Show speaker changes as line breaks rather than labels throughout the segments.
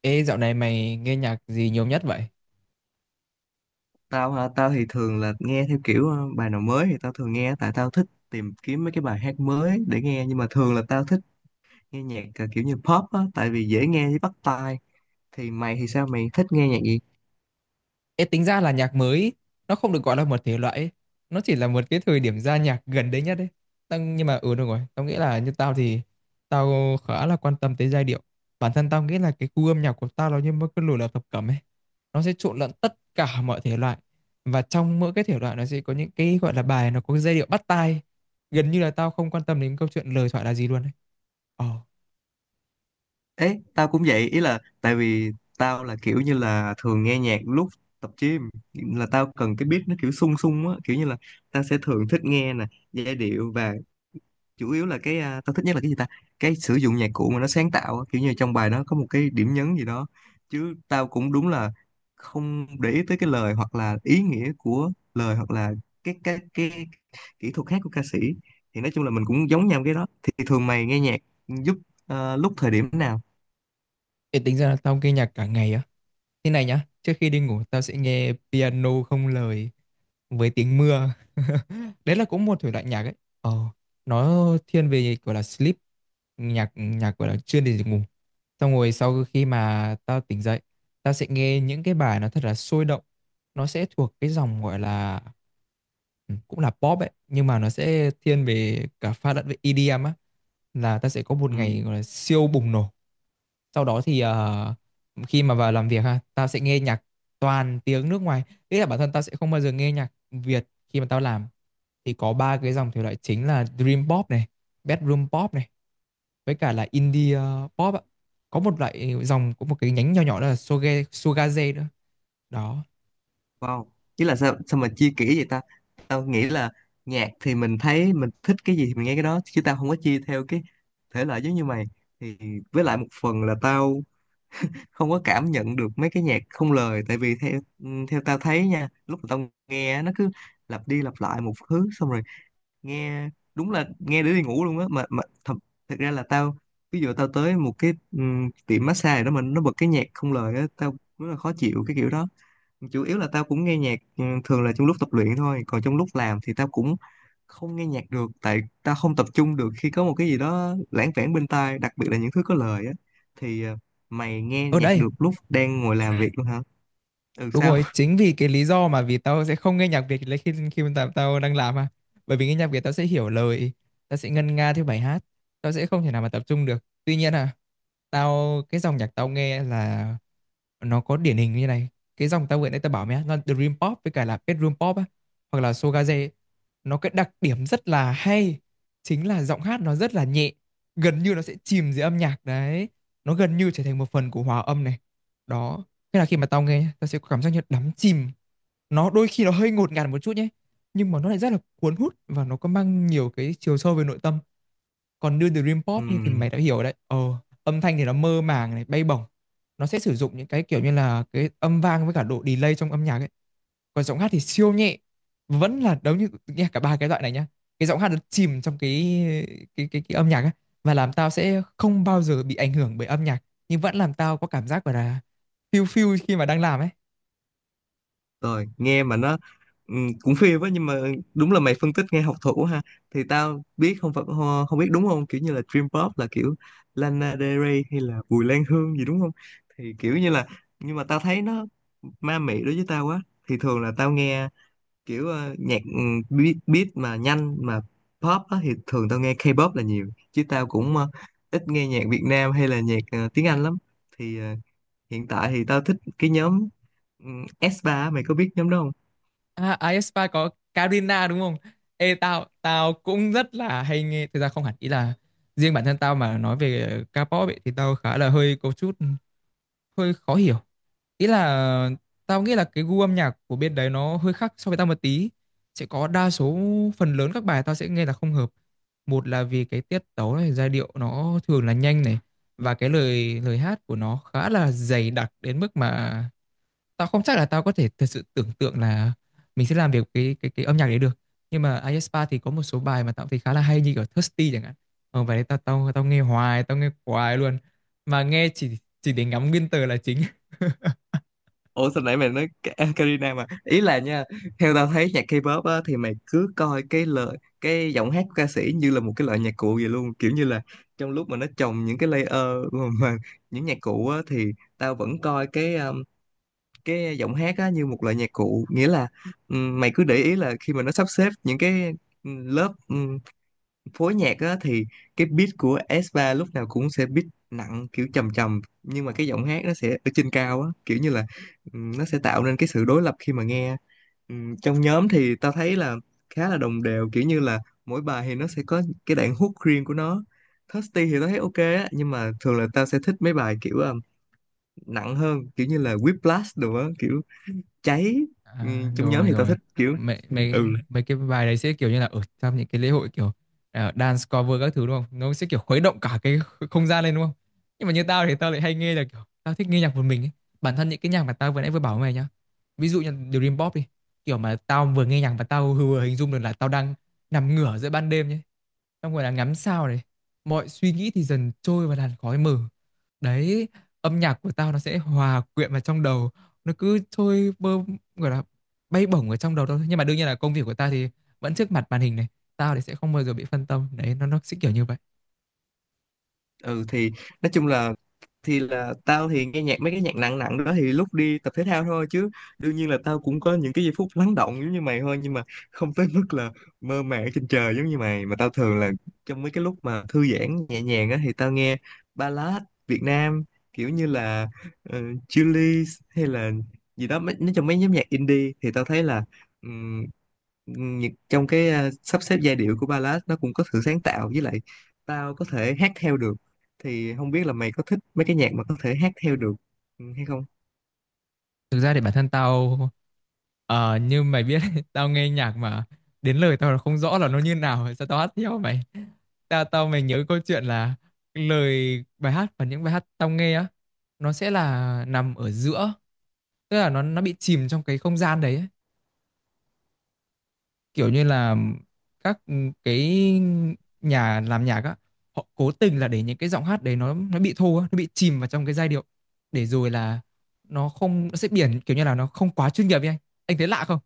Ê, dạo này mày nghe nhạc gì nhiều nhất vậy?
Tao hả? Tao thì thường là nghe theo kiểu bài nào mới thì tao thường nghe, tại tao thích tìm kiếm mấy cái bài hát mới để nghe. Nhưng mà thường là tao thích nghe nhạc kiểu như pop á, tại vì dễ nghe với bắt tai. Thì mày thì sao, mày thích nghe nhạc gì?
Ê, tính ra là nhạc mới, ý, nó không được gọi là một thể loại, ấy. Nó chỉ là một cái thời điểm ra nhạc gần đấy nhất đấy. Tao, nhưng mà ừ đúng rồi, tao nghĩ là như tao thì tao khá là quan tâm tới giai điệu. Bản thân tao nghĩ là cái gu âm nhạc của tao nó như một cái lùi là thập cẩm ấy. Nó sẽ trộn lẫn tất cả mọi thể loại và trong mỗi cái thể loại nó sẽ có những cái gọi là bài nó có cái giai điệu bắt tai. Gần như là tao không quan tâm đến câu chuyện lời thoại là gì luôn ấy. Ồ,
Ấy tao cũng vậy, ý là tại vì tao là kiểu như là thường nghe nhạc lúc tập gym, là tao cần cái beat nó kiểu sung sung á, kiểu như là tao sẽ thường thích nghe nè, giai điệu và chủ yếu là cái tao thích nhất là cái gì ta, cái sử dụng nhạc cụ mà nó sáng tạo á, kiểu như trong bài nó có một cái điểm nhấn gì đó. Chứ tao cũng đúng là không để ý tới cái lời, hoặc là ý nghĩa của lời, hoặc là cái kỹ thuật hát của ca sĩ. Thì nói chung là mình cũng giống nhau cái đó. Thì thường mày nghe nhạc giúp lúc thời điểm nào?
ê, tính ra là tao nghe nhạc cả ngày à? Thế này nhá, trước khi đi ngủ tao sẽ nghe piano không lời với tiếng mưa. Đấy là cũng một thể loại nhạc ấy. Ờ, nó thiên về gọi là sleep, nhạc nhạc gọi là chuyên để ngủ. Xong rồi sau khi mà tao tỉnh dậy, tao sẽ nghe những cái bài nó thật là sôi động. Nó sẽ thuộc cái dòng gọi là ừ, cũng là pop ấy, nhưng mà nó sẽ thiên về cả pha lẫn với EDM á, là ta sẽ có một
Ừ,
ngày gọi là siêu bùng nổ. Sau đó thì khi mà vào làm việc ha, tao sẽ nghe nhạc toàn tiếng nước ngoài, nghĩa là bản thân tao sẽ không bao giờ nghe nhạc Việt khi mà tao làm. Thì có ba cái dòng thể loại chính là dream pop này, bedroom pop này, với cả là indie pop ạ. Có một loại dòng, có một cái nhánh nhỏ nhỏ đó là shogaze nữa. Đó
wow, chứ là sao sao mà chia kỹ vậy ta. Tao nghĩ là nhạc thì mình thấy mình thích cái gì thì mình nghe cái đó, chứ tao không có chia theo cái thể loại giống như mày. Thì với lại một phần là tao không có cảm nhận được mấy cái nhạc không lời, tại vì theo theo tao thấy nha, lúc mà tao nghe á, nó cứ lặp đi lặp lại một thứ, xong rồi nghe đúng là nghe để đi ngủ luôn á. Mà thật ra là tao, ví dụ tao tới một cái tiệm massage đó mà nó bật cái nhạc không lời á, tao rất là khó chịu cái kiểu đó. Chủ yếu là tao cũng nghe nhạc thường là trong lúc tập luyện thôi, còn trong lúc làm thì tao cũng không nghe nhạc được, tại tao không tập trung được khi có một cái gì đó lãng vảng bên tai, đặc biệt là những thứ có lời á. Thì mày nghe
ở
nhạc
đây.
được lúc đang ngồi làm việc luôn hả? Ừ
Đúng
sao?
rồi, chính vì cái lý do mà vì tao sẽ không nghe nhạc Việt lấy khi khi mà tao đang làm mà. Bởi vì nghe nhạc Việt tao sẽ hiểu lời, tao sẽ ngân nga theo bài hát, tao sẽ không thể nào mà tập trung được. Tuy nhiên à, tao cái dòng nhạc tao nghe là nó có điển hình như này. Cái dòng tao vừa nãy tao bảo mày á, nó Dream Pop với cả là Bedroom Pop á, hoặc là Showgaze, ấy, nó cái đặc điểm rất là hay chính là giọng hát nó rất là nhẹ, gần như nó sẽ chìm dưới âm nhạc đấy. Nó gần như trở thành một phần của hòa âm này. Đó. Thế là khi mà tao nghe, tao sẽ có cảm giác như đắm chìm. Nó đôi khi nó hơi ngột ngạt một chút nhé. Nhưng mà nó lại rất là cuốn hút và nó có mang nhiều cái chiều sâu về nội tâm. Còn như Dream Pop như thì
Ừ,
mày đã hiểu đấy. Ờ, Âm thanh thì nó mơ màng này, bay bổng. Nó sẽ sử dụng những cái kiểu như là cái âm vang với cả độ delay trong âm nhạc ấy. Còn giọng hát thì siêu nhẹ. Vẫn là giống như nghe cả ba cái loại này nhá. Cái giọng hát nó chìm trong cái cái âm nhạc ấy. Và làm tao sẽ không bao giờ bị ảnh hưởng bởi âm nhạc. Nhưng vẫn làm tao có cảm giác gọi là phiêu phiêu khi mà đang làm ấy.
rồi nghe mà nó cũng phê quá. Nhưng mà đúng là mày phân tích nghe học thủ ha. Thì tao biết không phải không biết đúng không, kiểu như là Dream Pop là kiểu Lana Del Rey hay là Bùi Lan Hương gì đúng không. Thì kiểu như là nhưng mà tao thấy nó ma mị đối với tao quá. Thì thường là tao nghe kiểu nhạc beat mà nhanh mà pop á. Thì thường tao nghe K-pop là nhiều, chứ tao cũng ít nghe nhạc Việt Nam hay là nhạc tiếng Anh lắm. Thì hiện tại thì tao thích cái nhóm S3 á, mày có biết nhóm đó không?
À, aespa có Karina đúng không? Ê, tao tao cũng rất là hay nghe, thực ra không hẳn, ý là riêng bản thân tao mà nói về K-pop ấy, thì tao khá là hơi có chút hơi khó hiểu. Ý là tao nghĩ là cái gu âm nhạc của bên đấy nó hơi khác so với tao một tí. Sẽ có đa số, phần lớn các bài tao sẽ nghe là không hợp. Một là vì cái tiết tấu này, giai điệu nó thường là nhanh này, và cái lời lời hát của nó khá là dày đặc đến mức mà tao không chắc là tao có thể thật sự tưởng tượng là mình sẽ làm được cái cái âm nhạc đấy được. Nhưng mà aespa thì có một số bài mà tao thấy khá là hay như kiểu Thirsty chẳng hạn. Ờ, bài đấy tao tao tao nghe hoài, tao nghe hoài luôn, mà nghe chỉ để ngắm nguyên tờ là chính.
Ủa sao nãy mày nói Karina, mà ý là nha, theo tao thấy nhạc K-pop á, thì mày cứ coi cái lời, cái giọng hát của ca sĩ như là một cái loại nhạc cụ vậy luôn, kiểu như là trong lúc mà nó trồng những cái layer mà những nhạc cụ á, thì tao vẫn coi cái giọng hát á, như một loại nhạc cụ. Nghĩa là mày cứ để ý là khi mà nó sắp xếp những cái lớp phối nhạc á, thì cái beat của S3 lúc nào cũng sẽ beat nặng kiểu trầm trầm, nhưng mà cái giọng hát nó sẽ ở trên cao á, kiểu như là nó sẽ tạo nên cái sự đối lập khi mà nghe. Trong nhóm thì tao thấy là khá là đồng đều, kiểu như là mỗi bài thì nó sẽ có cái đoạn hook riêng của nó. Thirsty thì tao thấy ok á, nhưng mà thường là tao sẽ thích mấy bài kiểu nặng hơn, kiểu như là Whiplash đồ á, kiểu cháy.
À,
Trong nhóm
rồi
thì tao
rồi,
thích kiểu
mấy mấy
ừ.
mấy cái bài đấy sẽ kiểu như là ở trong những cái lễ hội, kiểu à, dance cover các thứ đúng không, nó sẽ kiểu khuấy động cả cái không gian lên đúng không. Nhưng mà như tao thì tao lại hay nghe là kiểu tao thích nghe nhạc một mình ấy. Bản thân những cái nhạc mà tao vừa nãy vừa bảo với mày nhá, ví dụ như Dream Pop đi, kiểu mà tao vừa nghe nhạc và tao vừa hình dung được là tao đang nằm ngửa giữa ban đêm nhé, xong rồi là ngắm sao này, mọi suy nghĩ thì dần trôi vào làn khói mờ đấy, âm nhạc của tao nó sẽ hòa quyện vào trong đầu, nó cứ trôi bơ, gọi là bay bổng ở trong đầu tao thôi. Nhưng mà đương nhiên là công việc của ta thì vẫn trước mặt màn hình này, tao thì sẽ không bao giờ bị phân tâm đấy, nó sẽ kiểu như vậy.
Ừ thì nói chung là thì là tao thì nghe nhạc mấy cái nhạc nặng nặng đó thì lúc đi tập thể thao thôi, chứ đương nhiên là tao cũng có những cái giây phút lắng động giống như mày thôi. Nhưng mà không tới mức là mơ màng trên trời giống như mày. Mà tao thường là trong mấy cái lúc mà thư giãn nhẹ nhàng á, thì tao nghe ballad Việt Nam, kiểu như là uh, Chillies hay là gì đó. Nói chung mấy nhóm nhạc indie thì tao thấy là ừm, trong cái sắp xếp giai điệu của ballad nó cũng có sự sáng tạo, với lại tao có thể hát theo được. Thì không biết là mày có thích mấy cái nhạc mà có thể hát theo được hay không?
Thực ra thì bản thân tao, như mày biết đấy, tao nghe nhạc mà đến lời tao là không rõ là nó như nào, sao tao hát theo mày. Tao tao mày nhớ câu chuyện là lời bài hát và những bài hát tao nghe á, nó sẽ là nằm ở giữa, tức là nó bị chìm trong cái không gian đấy ấy. Kiểu như là các ừ, cái nhà làm nhạc á, họ cố tình là để những cái giọng hát đấy nó bị thô á, nó bị chìm vào trong cái giai điệu, để rồi là nó không nó sẽ biển kiểu như là nó không quá chuyên nghiệp ấy anh. Anh thấy lạ không?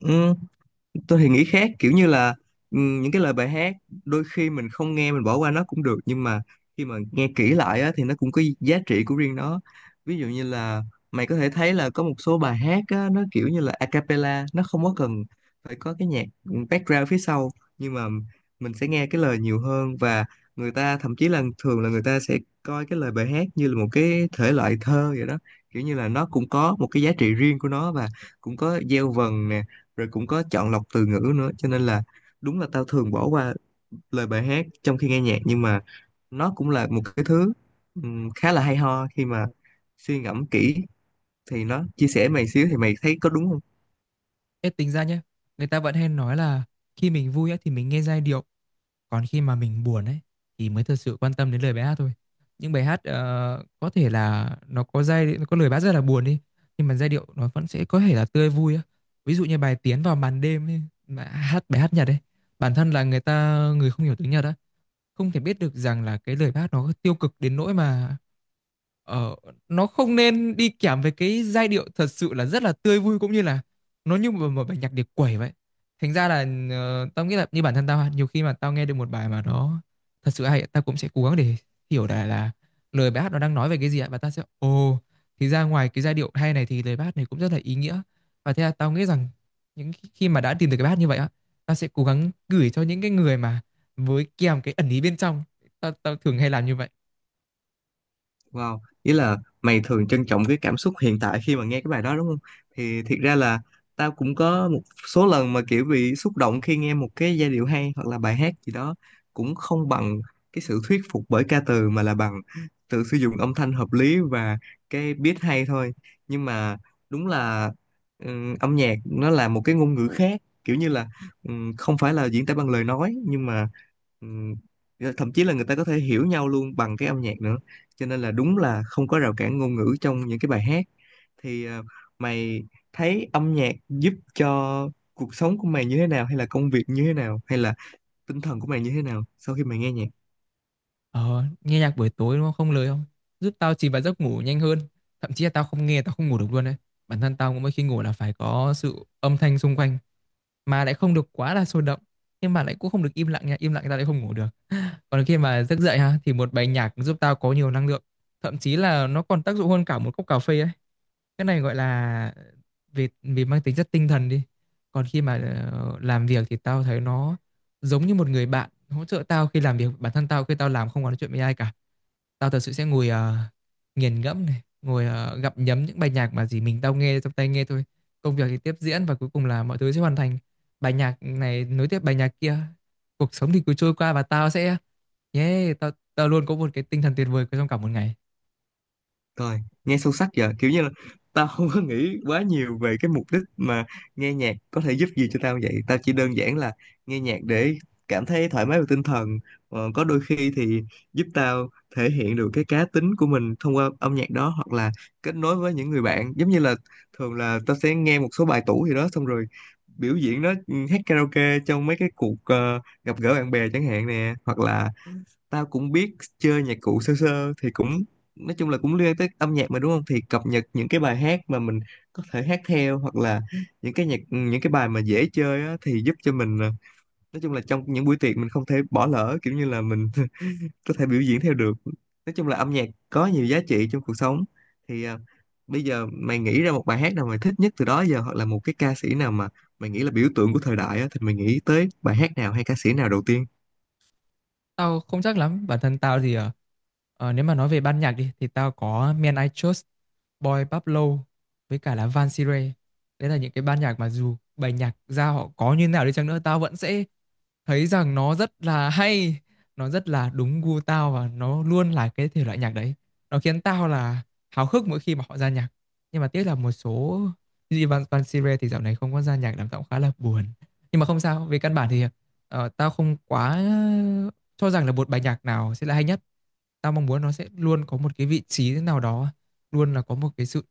Ừ, tôi thì nghĩ khác, kiểu như là những cái lời bài hát đôi khi mình không nghe, mình bỏ qua nó cũng được. Nhưng mà khi mà nghe kỹ lại á, thì nó cũng có giá trị của riêng nó. Ví dụ như là mày có thể thấy là có một số bài hát á, nó kiểu như là a cappella, nó không có cần phải có cái nhạc background phía sau. Nhưng mà mình sẽ nghe cái lời nhiều hơn, và người ta thậm chí là thường là người ta sẽ coi cái lời bài hát như là một cái thể loại thơ vậy đó, kiểu như là nó cũng có một cái giá trị riêng của nó, và cũng có gieo vần nè, rồi cũng có chọn lọc từ ngữ nữa. Cho nên là đúng là tao thường bỏ qua lời bài hát trong khi nghe nhạc, nhưng mà nó cũng là một cái thứ khá là hay ho khi mà suy ngẫm kỹ. Thì nó chia sẻ mày xíu, thì mày thấy có đúng không?
Em tính ra nhé, người ta vẫn hay nói là khi mình vui á, thì mình nghe giai điệu. Còn khi mà mình buồn ấy thì mới thật sự quan tâm đến lời bài hát thôi. Những bài hát có thể là nó có giai nó có lời bài hát rất là buồn đi, nhưng mà giai điệu nó vẫn sẽ có thể là tươi vui á. Ví dụ như bài Tiến vào màn đêm ấy, mà hát bài hát Nhật ấy, bản thân là người không hiểu tiếng Nhật á, không thể biết được rằng là cái lời bác nó tiêu cực đến nỗi mà ờ, nó không nên đi kèm với cái giai điệu thật sự là rất là tươi vui, cũng như là nó như một bài nhạc điệp quẩy vậy. Thành ra là, tao nghĩ là như bản thân tao nhiều khi mà tao nghe được một bài mà nó thật sự hay, tao cũng sẽ cố gắng để hiểu là lời bài hát nó đang nói về cái gì ạ, và tao sẽ ồ, thì ra ngoài cái giai điệu hay này thì lời bài hát này cũng rất là ý nghĩa. Và thế là tao nghĩ rằng những khi mà đã tìm được cái bài hát như vậy á, tao sẽ cố gắng gửi cho những cái người mà với kèm cái ẩn ý bên trong. Tao tao thường hay làm như vậy.
Wow, ý là mày thường trân trọng cái cảm xúc hiện tại khi mà nghe cái bài đó đúng không? Thì thiệt ra là tao cũng có một số lần mà kiểu bị xúc động khi nghe một cái giai điệu hay hoặc là bài hát gì đó, cũng không bằng cái sự thuyết phục bởi ca từ, mà là bằng tự sử dụng âm thanh hợp lý và cái beat hay thôi. Nhưng mà đúng là âm nhạc nó là một cái ngôn ngữ khác, kiểu như là không phải là diễn tả bằng lời nói, nhưng mà ừm, thậm chí là người ta có thể hiểu nhau luôn bằng cái âm nhạc nữa. Cho nên là đúng là không có rào cản ngôn ngữ trong những cái bài hát. Thì mày thấy âm nhạc giúp cho cuộc sống của mày như thế nào, hay là công việc như thế nào, hay là tinh thần của mày như thế nào sau khi mày nghe nhạc?
Ờ, nghe nhạc buổi tối nó không không lời không giúp tao chìm vào giấc ngủ nhanh hơn, thậm chí là tao không nghe tao không ngủ được luôn đấy. Bản thân tao cũng mỗi khi ngủ là phải có sự âm thanh xung quanh, mà lại không được quá là sôi động, nhưng mà lại cũng không được im lặng nha, im lặng tao lại không ngủ được. Còn khi mà giấc dậy ha, thì một bài nhạc giúp tao có nhiều năng lượng, thậm chí là nó còn tác dụng hơn cả một cốc cà phê ấy. Cái này gọi là vì vì mang tính chất tinh thần đi. Còn khi mà làm việc thì tao thấy nó giống như một người bạn hỗ trợ tao khi làm việc. Bản thân tao khi tao làm không có nói chuyện với ai cả, tao thật sự sẽ ngồi nghiền ngẫm này, ngồi gặm nhấm những bài nhạc mà gì mình tao nghe trong tai nghe thôi. Công việc thì tiếp diễn và cuối cùng là mọi thứ sẽ hoàn thành, bài nhạc này nối tiếp bài nhạc kia, cuộc sống thì cứ trôi qua, và tao sẽ yeah, tao tao luôn có một cái tinh thần tuyệt vời trong cả một ngày.
Coi, nghe sâu sắc giờ, kiểu như là tao không có nghĩ quá nhiều về cái mục đích mà nghe nhạc có thể giúp gì cho tao vậy. Tao chỉ đơn giản là nghe nhạc để cảm thấy thoải mái về tinh thần. Có đôi khi thì giúp tao thể hiện được cái cá tính của mình thông qua âm nhạc đó, hoặc là kết nối với những người bạn, giống như là thường là tao sẽ nghe một số bài tủ gì đó, xong rồi biểu diễn nó, hát karaoke trong mấy cái cuộc gặp gỡ bạn bè chẳng hạn nè. Hoặc là tao cũng biết chơi nhạc cụ sơ sơ, thì cũng nói chung là cũng liên tới âm nhạc mà đúng không. Thì cập nhật những cái bài hát mà mình có thể hát theo, hoặc là những cái nhạc những cái bài mà dễ chơi á, thì giúp cho mình nói chung là trong những buổi tiệc mình không thể bỏ lỡ, kiểu như là mình có thể biểu diễn theo được. Nói chung là âm nhạc có nhiều giá trị trong cuộc sống. Thì bây giờ mày nghĩ ra một bài hát nào mày thích nhất từ đó giờ, hoặc là một cái ca sĩ nào mà mày nghĩ là biểu tượng của thời đại á, thì mày nghĩ tới bài hát nào hay ca sĩ nào đầu tiên?
Tao không chắc lắm, bản thân tao thì nếu mà nói về ban nhạc đi thì tao có Men I Trust, Boy Pablo với cả là Van Sire. Đấy là những cái ban nhạc mà dù bài nhạc ra họ có như nào đi chăng nữa, tao vẫn sẽ thấy rằng nó rất là hay, nó rất là đúng gu tao, và nó luôn là cái thể loại nhạc đấy, nó khiến tao là háo hức mỗi khi mà họ ra nhạc. Nhưng mà tiếc là một số như Van Van Sire thì dạo này không có ra nhạc làm tao cũng khá là buồn. Nhưng mà không sao, về căn bản thì, tao không quá cho rằng là một bài nhạc nào sẽ là hay nhất. Tao mong muốn nó sẽ luôn có một cái vị trí thế nào đó, luôn là có một cái sự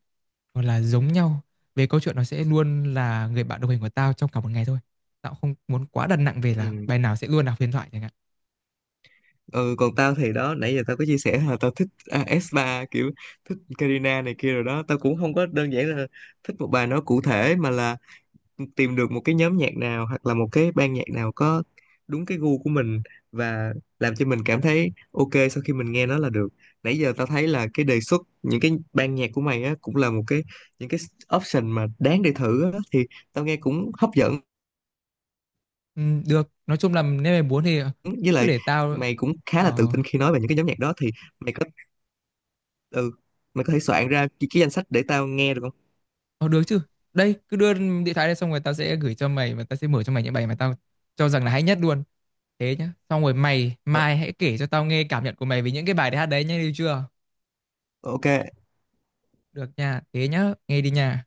gọi là giống nhau, về câu chuyện nó sẽ luôn là người bạn đồng hành của tao trong cả một ngày thôi. Tao cũng không muốn quá đặt nặng về là
Ừ.
bài nào sẽ luôn là huyền thoại chẳng hạn.
Ừ, còn tao thì đó, nãy giờ tao có chia sẻ là tao thích S3 kiểu, thích Karina này kia rồi đó. Tao cũng không có đơn giản là thích một bài nó cụ thể, mà là tìm được một cái nhóm nhạc nào hoặc là một cái ban nhạc nào có đúng cái gu của mình, và làm cho mình cảm thấy ok sau khi mình nghe nó là được. Nãy giờ tao thấy là cái đề xuất những cái ban nhạc của mày á cũng là một cái những cái option mà đáng để thử á, thì tao nghe cũng hấp dẫn.
Được, nói chung là nếu mày muốn thì ờ,
Với
cứ
lại
để tao...
mày cũng khá là tự
Ờ,
tin khi nói về những cái nhóm nhạc đó, thì mày có, ừ, mày có thể soạn ra cái danh sách để tao nghe được không?
ờ, được chứ. Đây, cứ đưa điện thoại đây xong rồi tao sẽ gửi cho mày, và tao sẽ mở cho mày những bài mà tao cho rằng là hay nhất luôn. Thế nhá. Xong rồi mày,
Ờ,
mai hãy kể cho tao nghe cảm nhận của mày về những cái bài hát đấy nhá, được chưa?
ok.
Được nha, thế nhá, nghe đi nha.